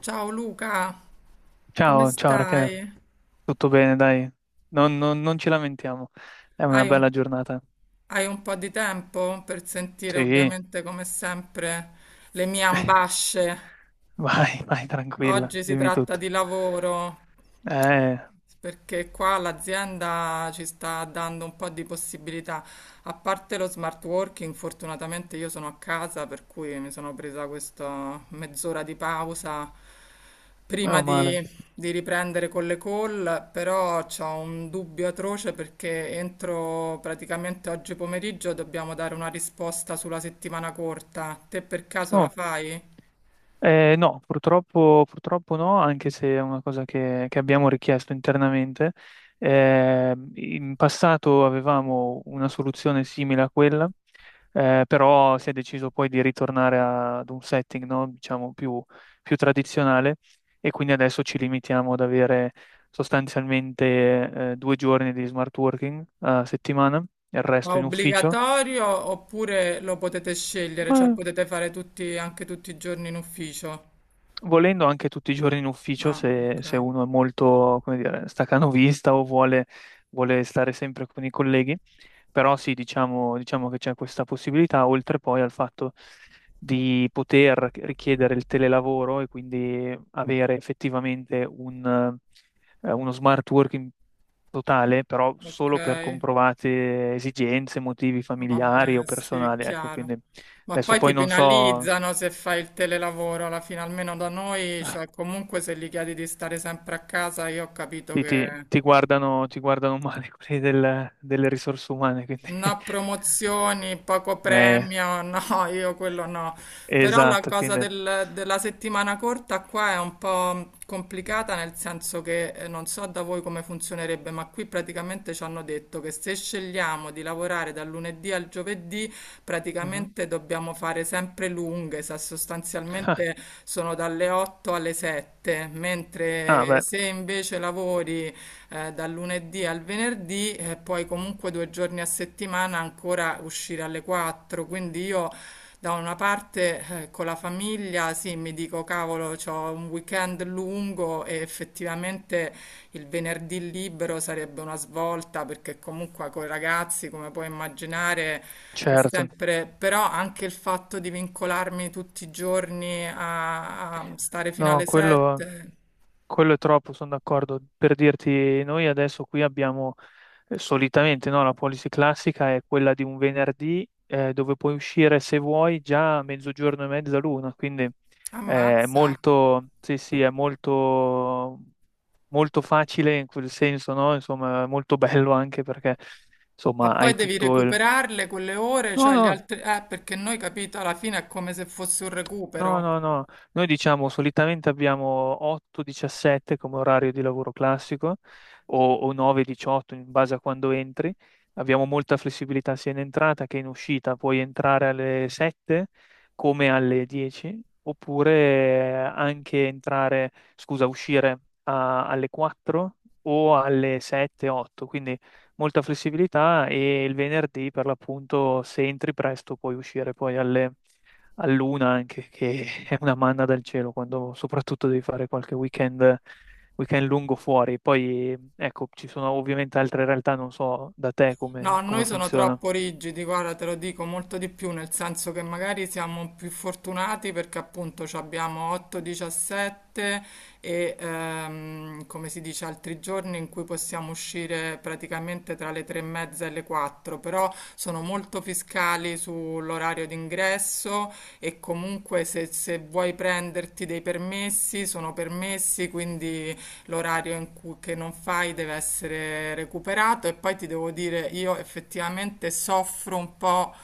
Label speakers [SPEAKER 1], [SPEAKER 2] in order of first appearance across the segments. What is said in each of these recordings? [SPEAKER 1] Ciao Luca, come
[SPEAKER 2] Ciao, ciao Rachele,
[SPEAKER 1] stai?
[SPEAKER 2] tutto bene, dai, non ci lamentiamo, è una
[SPEAKER 1] Hai un,
[SPEAKER 2] bella giornata.
[SPEAKER 1] hai un po' di tempo per sentire
[SPEAKER 2] Sì.
[SPEAKER 1] ovviamente come sempre le mie ambasce.
[SPEAKER 2] Vai, vai, tranquilla,
[SPEAKER 1] Oggi si
[SPEAKER 2] dimmi
[SPEAKER 1] tratta
[SPEAKER 2] tutto.
[SPEAKER 1] di lavoro.
[SPEAKER 2] Eh,
[SPEAKER 1] Perché qua l'azienda ci sta dando un po' di possibilità, a parte lo smart working, fortunatamente io sono a casa, per cui mi sono presa questa mezz'ora di pausa prima
[SPEAKER 2] Meno male.
[SPEAKER 1] di, di riprendere con le call, però ho un dubbio atroce perché entro praticamente oggi pomeriggio dobbiamo dare una risposta sulla settimana corta. Te per caso la
[SPEAKER 2] Oh.
[SPEAKER 1] fai?
[SPEAKER 2] No, purtroppo no, anche se è una cosa che abbiamo richiesto internamente. In passato avevamo una soluzione simile a quella, però si è deciso poi di ritornare ad un setting, no, diciamo più, più tradizionale, e quindi adesso ci limitiamo ad avere sostanzialmente, due giorni di smart working a settimana, il
[SPEAKER 1] Ma
[SPEAKER 2] resto in ufficio.
[SPEAKER 1] obbligatorio oppure lo potete scegliere, cioè potete fare tutti, anche tutti i giorni in ufficio?
[SPEAKER 2] Volendo anche tutti i giorni in ufficio,
[SPEAKER 1] Ah,
[SPEAKER 2] se
[SPEAKER 1] ok,
[SPEAKER 2] uno è molto, come dire, staccanovista o vuole stare sempre con i colleghi, però sì, diciamo che c'è questa possibilità, oltre poi al fatto di poter richiedere il telelavoro e quindi avere effettivamente un, uno smart working totale, però
[SPEAKER 1] ok,
[SPEAKER 2] solo per comprovate esigenze, motivi familiari o
[SPEAKER 1] vabbè, sì, è
[SPEAKER 2] personali, ecco,
[SPEAKER 1] chiaro.
[SPEAKER 2] quindi
[SPEAKER 1] Ma
[SPEAKER 2] adesso
[SPEAKER 1] poi
[SPEAKER 2] poi
[SPEAKER 1] ti
[SPEAKER 2] non so.
[SPEAKER 1] penalizzano se fai il telelavoro, alla fine almeno da noi, cioè comunque se gli chiedi di stare sempre a casa, io ho capito che
[SPEAKER 2] Ti guardano male quelli delle risorse umane, quindi...
[SPEAKER 1] no, promozioni, poco
[SPEAKER 2] Eh,
[SPEAKER 1] premio, no, io quello no. Però la
[SPEAKER 2] esatto,
[SPEAKER 1] cosa
[SPEAKER 2] quindi...
[SPEAKER 1] della settimana corta qua è un po' complicata, nel senso che non so da voi come funzionerebbe, ma qui praticamente ci hanno detto che se scegliamo di lavorare dal lunedì al giovedì,
[SPEAKER 2] Mhm.
[SPEAKER 1] praticamente dobbiamo fare sempre lunghe,
[SPEAKER 2] Ah,
[SPEAKER 1] sostanzialmente sono dalle 8 alle 7,
[SPEAKER 2] ah,
[SPEAKER 1] mentre
[SPEAKER 2] beh,
[SPEAKER 1] se invece lavori dal lunedì al venerdì e poi comunque due giorni a settimana ancora uscire alle 4, quindi io da una parte con la famiglia sì, mi dico cavolo, ho un weekend lungo e effettivamente il venerdì libero sarebbe una svolta perché comunque con i ragazzi, come puoi immaginare, è
[SPEAKER 2] certo.
[SPEAKER 1] sempre, però anche il fatto di vincolarmi tutti i giorni a stare fino
[SPEAKER 2] No,
[SPEAKER 1] alle
[SPEAKER 2] quello,
[SPEAKER 1] 7,
[SPEAKER 2] quello è troppo, sono d'accordo. Per dirti, noi adesso qui abbiamo solitamente, no, la policy classica è quella di un venerdì dove puoi uscire se vuoi già a mezzogiorno e mezza l'una, quindi è
[SPEAKER 1] ammazza.
[SPEAKER 2] molto, sì, sì, è molto molto facile in quel senso, no? Insomma, molto bello anche perché,
[SPEAKER 1] Ma
[SPEAKER 2] insomma,
[SPEAKER 1] poi
[SPEAKER 2] hai
[SPEAKER 1] devi
[SPEAKER 2] tutto il...
[SPEAKER 1] recuperarle quelle ore,
[SPEAKER 2] No,
[SPEAKER 1] cioè gli
[SPEAKER 2] no.
[SPEAKER 1] altri... Perché noi, capito, alla fine è come se fosse un
[SPEAKER 2] No,
[SPEAKER 1] recupero.
[SPEAKER 2] no, no, noi diciamo solitamente abbiamo 8-17 come orario di lavoro classico o 9-18 in base a quando entri, abbiamo molta flessibilità sia in entrata che in uscita, puoi entrare alle 7 come alle 10 oppure anche entrare, scusa, uscire alle 4 o alle 7-8, quindi molta flessibilità e il venerdì per l'appunto se entri presto puoi uscire poi alle a Luna anche, che è una manna dal cielo quando soprattutto devi fare qualche weekend, weekend lungo fuori. Poi, ecco, ci sono ovviamente altre realtà, non so da te
[SPEAKER 1] No, a noi
[SPEAKER 2] come
[SPEAKER 1] sono
[SPEAKER 2] funziona.
[SPEAKER 1] troppo rigidi, guarda, te lo dico molto di più, nel senso che magari siamo più fortunati perché appunto ci abbiamo 8-17 e come si dice altri giorni in cui possiamo uscire praticamente tra le 3 e mezza e le 4, però sono molto fiscali sull'orario d'ingresso e comunque se vuoi prenderti dei permessi sono permessi, quindi l'orario in cui, che non fai deve essere recuperato e poi ti devo dire, io effettivamente soffro un po'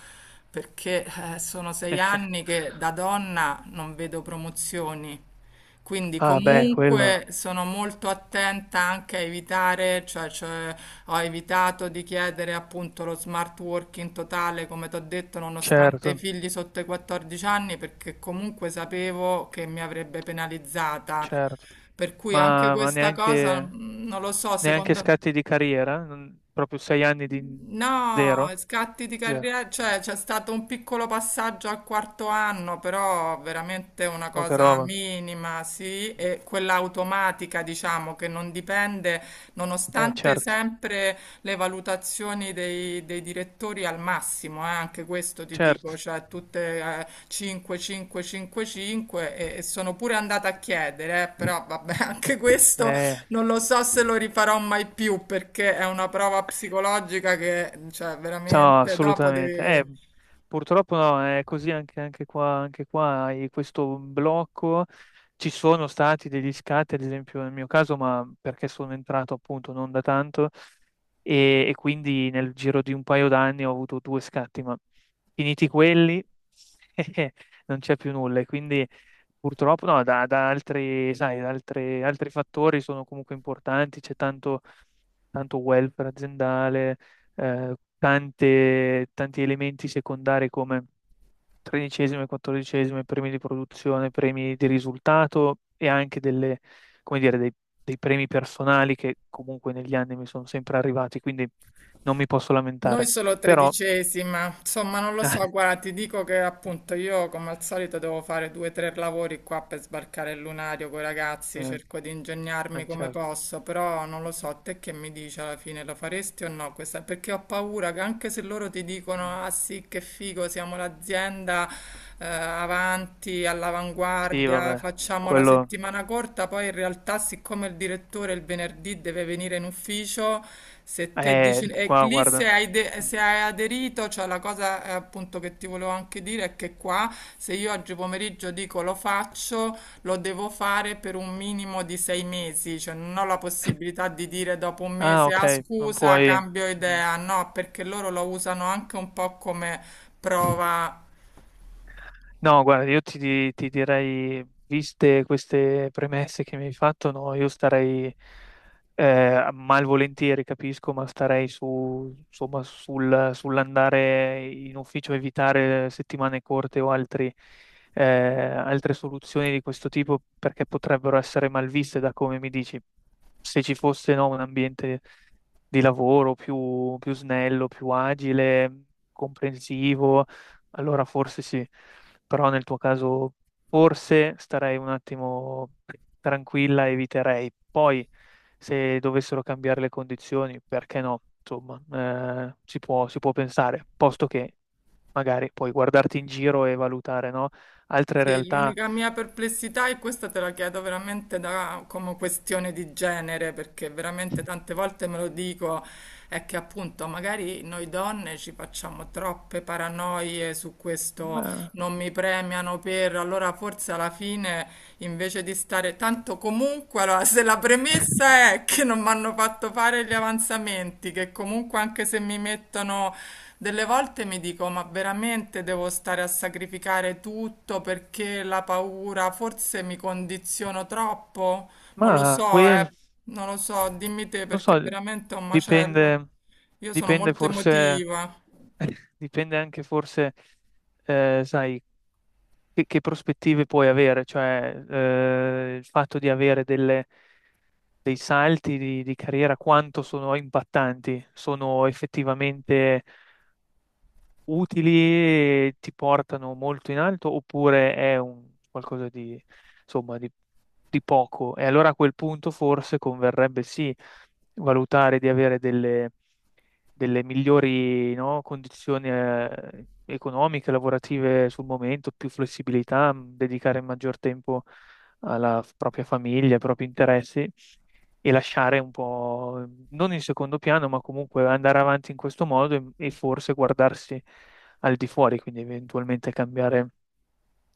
[SPEAKER 1] perché sono 6 anni che da donna non vedo promozioni. Quindi
[SPEAKER 2] Ah, beh, quello,
[SPEAKER 1] comunque sono molto attenta anche a evitare, cioè, ho evitato di chiedere appunto lo smart working totale, come ti ho detto, nonostante i
[SPEAKER 2] certo,
[SPEAKER 1] figli sotto i 14 anni, perché comunque sapevo che mi avrebbe penalizzata,
[SPEAKER 2] certo.
[SPEAKER 1] per cui anche
[SPEAKER 2] Ma
[SPEAKER 1] questa cosa,
[SPEAKER 2] neanche,
[SPEAKER 1] non lo so,
[SPEAKER 2] neanche
[SPEAKER 1] secondo...
[SPEAKER 2] scatti di carriera? Non- proprio sei anni di
[SPEAKER 1] No,
[SPEAKER 2] zero?
[SPEAKER 1] scatti di
[SPEAKER 2] Zero,
[SPEAKER 1] carriera, cioè c'è stato un piccolo passaggio al quarto anno, però veramente una
[SPEAKER 2] poca
[SPEAKER 1] cosa
[SPEAKER 2] roba.
[SPEAKER 1] minima, sì, e quella automatica, diciamo, che non dipende, nonostante
[SPEAKER 2] Certo,
[SPEAKER 1] sempre le valutazioni dei direttori al massimo. Anche questo ti dico,
[SPEAKER 2] certo.
[SPEAKER 1] cioè tutte 5, 5, 5, 5 e sono pure andata a chiedere, però vabbè, anche questo
[SPEAKER 2] Eh.
[SPEAKER 1] non lo so se lo rifarò mai più perché è una prova psicologica che, cioè,
[SPEAKER 2] Ciao,
[SPEAKER 1] veramente dopo
[SPEAKER 2] assolutamente.
[SPEAKER 1] devi.
[SPEAKER 2] Purtroppo no, è così anche, anche qua hai questo blocco. Ci sono stati degli scatti, ad esempio nel mio caso, ma perché sono entrato appunto non da tanto e quindi nel giro di un paio d'anni ho avuto due scatti, ma finiti quelli non c'è più nulla. E quindi purtroppo no, da altri, sai, da altri fattori sono comunque importanti, c'è tanto tanto welfare aziendale, tanti elementi secondari come tredicesime, quattordicesime, premi di produzione, premi di risultato e anche delle, come dire, dei, dei premi personali che comunque negli anni mi sono sempre arrivati, quindi non mi posso
[SPEAKER 1] Noi
[SPEAKER 2] lamentare.
[SPEAKER 1] solo
[SPEAKER 2] Però,
[SPEAKER 1] tredicesima, insomma, non lo so. Guarda, ti dico che appunto io, come al solito, devo fare due o tre lavori qua per sbarcare il lunario con i ragazzi.
[SPEAKER 2] eh,
[SPEAKER 1] Cerco di ingegnarmi come
[SPEAKER 2] certo.
[SPEAKER 1] posso, però non lo so. Te che mi dici alla fine, lo faresti o no? Questa... Perché ho paura che anche se loro ti
[SPEAKER 2] Mm.
[SPEAKER 1] dicono, ah sì, che figo, siamo l'azienda, avanti,
[SPEAKER 2] Sì,
[SPEAKER 1] all'avanguardia,
[SPEAKER 2] vabbè,
[SPEAKER 1] facciamo la
[SPEAKER 2] quello...
[SPEAKER 1] settimana corta, poi in realtà siccome il direttore il venerdì deve venire in ufficio, se te dici, e
[SPEAKER 2] Qua,
[SPEAKER 1] lì
[SPEAKER 2] guarda.
[SPEAKER 1] se hai,
[SPEAKER 2] Mm.
[SPEAKER 1] se hai aderito, cioè la cosa appunto che ti volevo anche dire è che qua se io oggi pomeriggio dico lo faccio, lo devo fare per un minimo di 6 mesi, cioè non ho la possibilità di dire dopo un
[SPEAKER 2] Ah,
[SPEAKER 1] mese,
[SPEAKER 2] ok,
[SPEAKER 1] ah
[SPEAKER 2] non
[SPEAKER 1] scusa,
[SPEAKER 2] puoi...
[SPEAKER 1] cambio
[SPEAKER 2] Mhm.
[SPEAKER 1] idea, no, perché loro lo usano anche un po' come prova.
[SPEAKER 2] No, guarda, io ti, ti direi, viste queste premesse che mi hai fatto, no, io starei malvolentieri, capisco, ma starei su, insomma, sull'andare in ufficio, evitare settimane corte o altri, altre soluzioni di questo tipo perché potrebbero essere malviste da come mi dici se ci fosse, no, un ambiente di lavoro più, più snello, più agile, comprensivo, allora forse sì. Però nel tuo caso forse starei un attimo tranquilla, eviterei. Poi se dovessero cambiare le condizioni, perché no? Insomma, si può pensare, posto che magari puoi guardarti in giro e valutare, no? Altre
[SPEAKER 1] Sì,
[SPEAKER 2] realtà.
[SPEAKER 1] l'unica mia perplessità, e questa te la chiedo veramente da, come questione di genere, perché veramente tante volte me lo dico, è che appunto magari noi donne ci facciamo troppe paranoie su questo,
[SPEAKER 2] Ma,
[SPEAKER 1] non mi premiano per, allora forse alla fine invece di stare tanto comunque, allora se la premessa è che non mi hanno fatto fare gli avanzamenti, che comunque anche se mi mettono... Delle volte mi dico, ma veramente devo stare a sacrificare tutto perché la paura, forse mi condiziono troppo? Non lo
[SPEAKER 2] ma
[SPEAKER 1] so,
[SPEAKER 2] quel,
[SPEAKER 1] non lo so, dimmi te
[SPEAKER 2] non so,
[SPEAKER 1] perché veramente è un macello.
[SPEAKER 2] dipende.
[SPEAKER 1] Io sono
[SPEAKER 2] Dipende
[SPEAKER 1] molto
[SPEAKER 2] forse,
[SPEAKER 1] emotiva.
[SPEAKER 2] dipende anche forse, sai, che prospettive puoi avere, cioè il fatto di avere dei salti di carriera, quanto sono impattanti, sono effettivamente utili e ti portano molto in alto oppure è un qualcosa di, insomma, di poco. E allora a quel punto forse converrebbe sì valutare di avere delle delle migliori, no, condizioni economiche, lavorative sul momento, più flessibilità, dedicare maggior tempo alla propria famiglia, ai propri interessi e lasciare un po', mm, non in secondo piano, ma comunque andare avanti in questo modo e forse guardarsi al di fuori, quindi eventualmente cambiare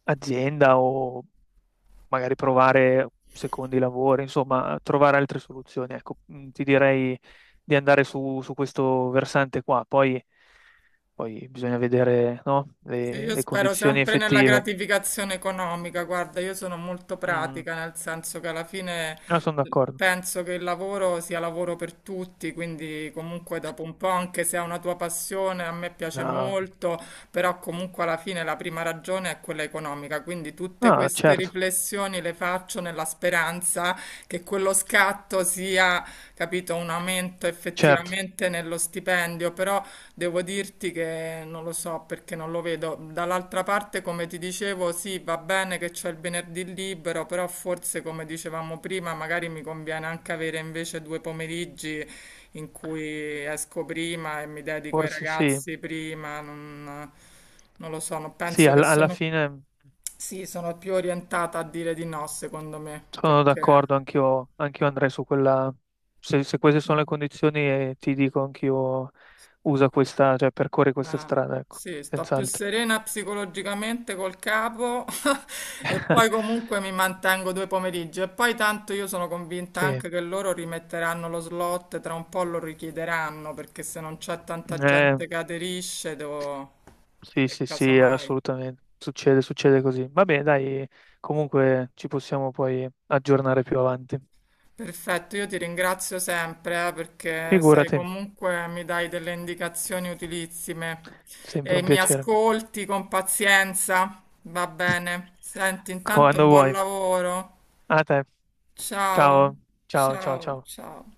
[SPEAKER 2] azienda o magari provare secondi lavori, insomma, trovare altre soluzioni. Ecco, mm, ti direi di andare su, su questo versante qua, poi, poi bisogna vedere, no,
[SPEAKER 1] Sì, io
[SPEAKER 2] le
[SPEAKER 1] spero
[SPEAKER 2] condizioni
[SPEAKER 1] sempre nella
[SPEAKER 2] effettive.
[SPEAKER 1] gratificazione economica, guarda, io sono molto
[SPEAKER 2] Mm,
[SPEAKER 1] pratica, nel senso che alla fine
[SPEAKER 2] ah, sono d'accordo.
[SPEAKER 1] penso che il lavoro sia lavoro per tutti, quindi comunque dopo un po', anche se è una tua passione, a me piace
[SPEAKER 2] No,
[SPEAKER 1] molto, però comunque alla fine la prima ragione è quella economica, quindi tutte
[SPEAKER 2] no,
[SPEAKER 1] queste
[SPEAKER 2] certo,
[SPEAKER 1] riflessioni le faccio nella speranza che quello scatto sia, capito, un aumento
[SPEAKER 2] certo,
[SPEAKER 1] effettivamente nello stipendio, però... Devo dirti che non lo so perché non lo vedo. Dall'altra parte, come ti dicevo, sì, va bene che c'è il venerdì libero, però forse, come dicevamo prima, magari mi conviene anche avere invece due pomeriggi in cui esco prima e mi dedico ai
[SPEAKER 2] forse sì.
[SPEAKER 1] ragazzi prima. Non lo so, non
[SPEAKER 2] Sì,
[SPEAKER 1] penso che
[SPEAKER 2] alla
[SPEAKER 1] sono...
[SPEAKER 2] fine
[SPEAKER 1] Sì, sono più orientata a dire di no, secondo me,
[SPEAKER 2] sono
[SPEAKER 1] perché...
[SPEAKER 2] d'accordo, anch'io anch'io andrei su quella. Se queste sono le
[SPEAKER 1] eh,
[SPEAKER 2] condizioni, ti dico anch'io usa questa, cioè percorri questa
[SPEAKER 1] Ah,
[SPEAKER 2] strada, ecco,
[SPEAKER 1] sì, sto più
[SPEAKER 2] senz'altro.
[SPEAKER 1] serena psicologicamente col capo e poi comunque mi mantengo due pomeriggi e poi tanto io sono convinta
[SPEAKER 2] Sì.
[SPEAKER 1] anche che loro rimetteranno lo slot, tra un po' lo richiederanno perché se non c'è tanta
[SPEAKER 2] Eh,
[SPEAKER 1] gente che aderisce devo...
[SPEAKER 2] sì,
[SPEAKER 1] e
[SPEAKER 2] sì, sì,
[SPEAKER 1] casomai...
[SPEAKER 2] assolutamente. Succede, succede così. Va bene, dai, comunque ci possiamo poi aggiornare più avanti.
[SPEAKER 1] Perfetto, io ti ringrazio sempre, perché sei
[SPEAKER 2] Figurati,
[SPEAKER 1] comunque mi dai delle indicazioni utilissime
[SPEAKER 2] sempre
[SPEAKER 1] e
[SPEAKER 2] un
[SPEAKER 1] mi
[SPEAKER 2] piacere.
[SPEAKER 1] ascolti con pazienza. Va bene. Senti, intanto
[SPEAKER 2] Quando
[SPEAKER 1] buon
[SPEAKER 2] vuoi.
[SPEAKER 1] lavoro.
[SPEAKER 2] A te.
[SPEAKER 1] Ciao,
[SPEAKER 2] Ciao, ciao, ciao,
[SPEAKER 1] ciao,
[SPEAKER 2] ciao.
[SPEAKER 1] ciao.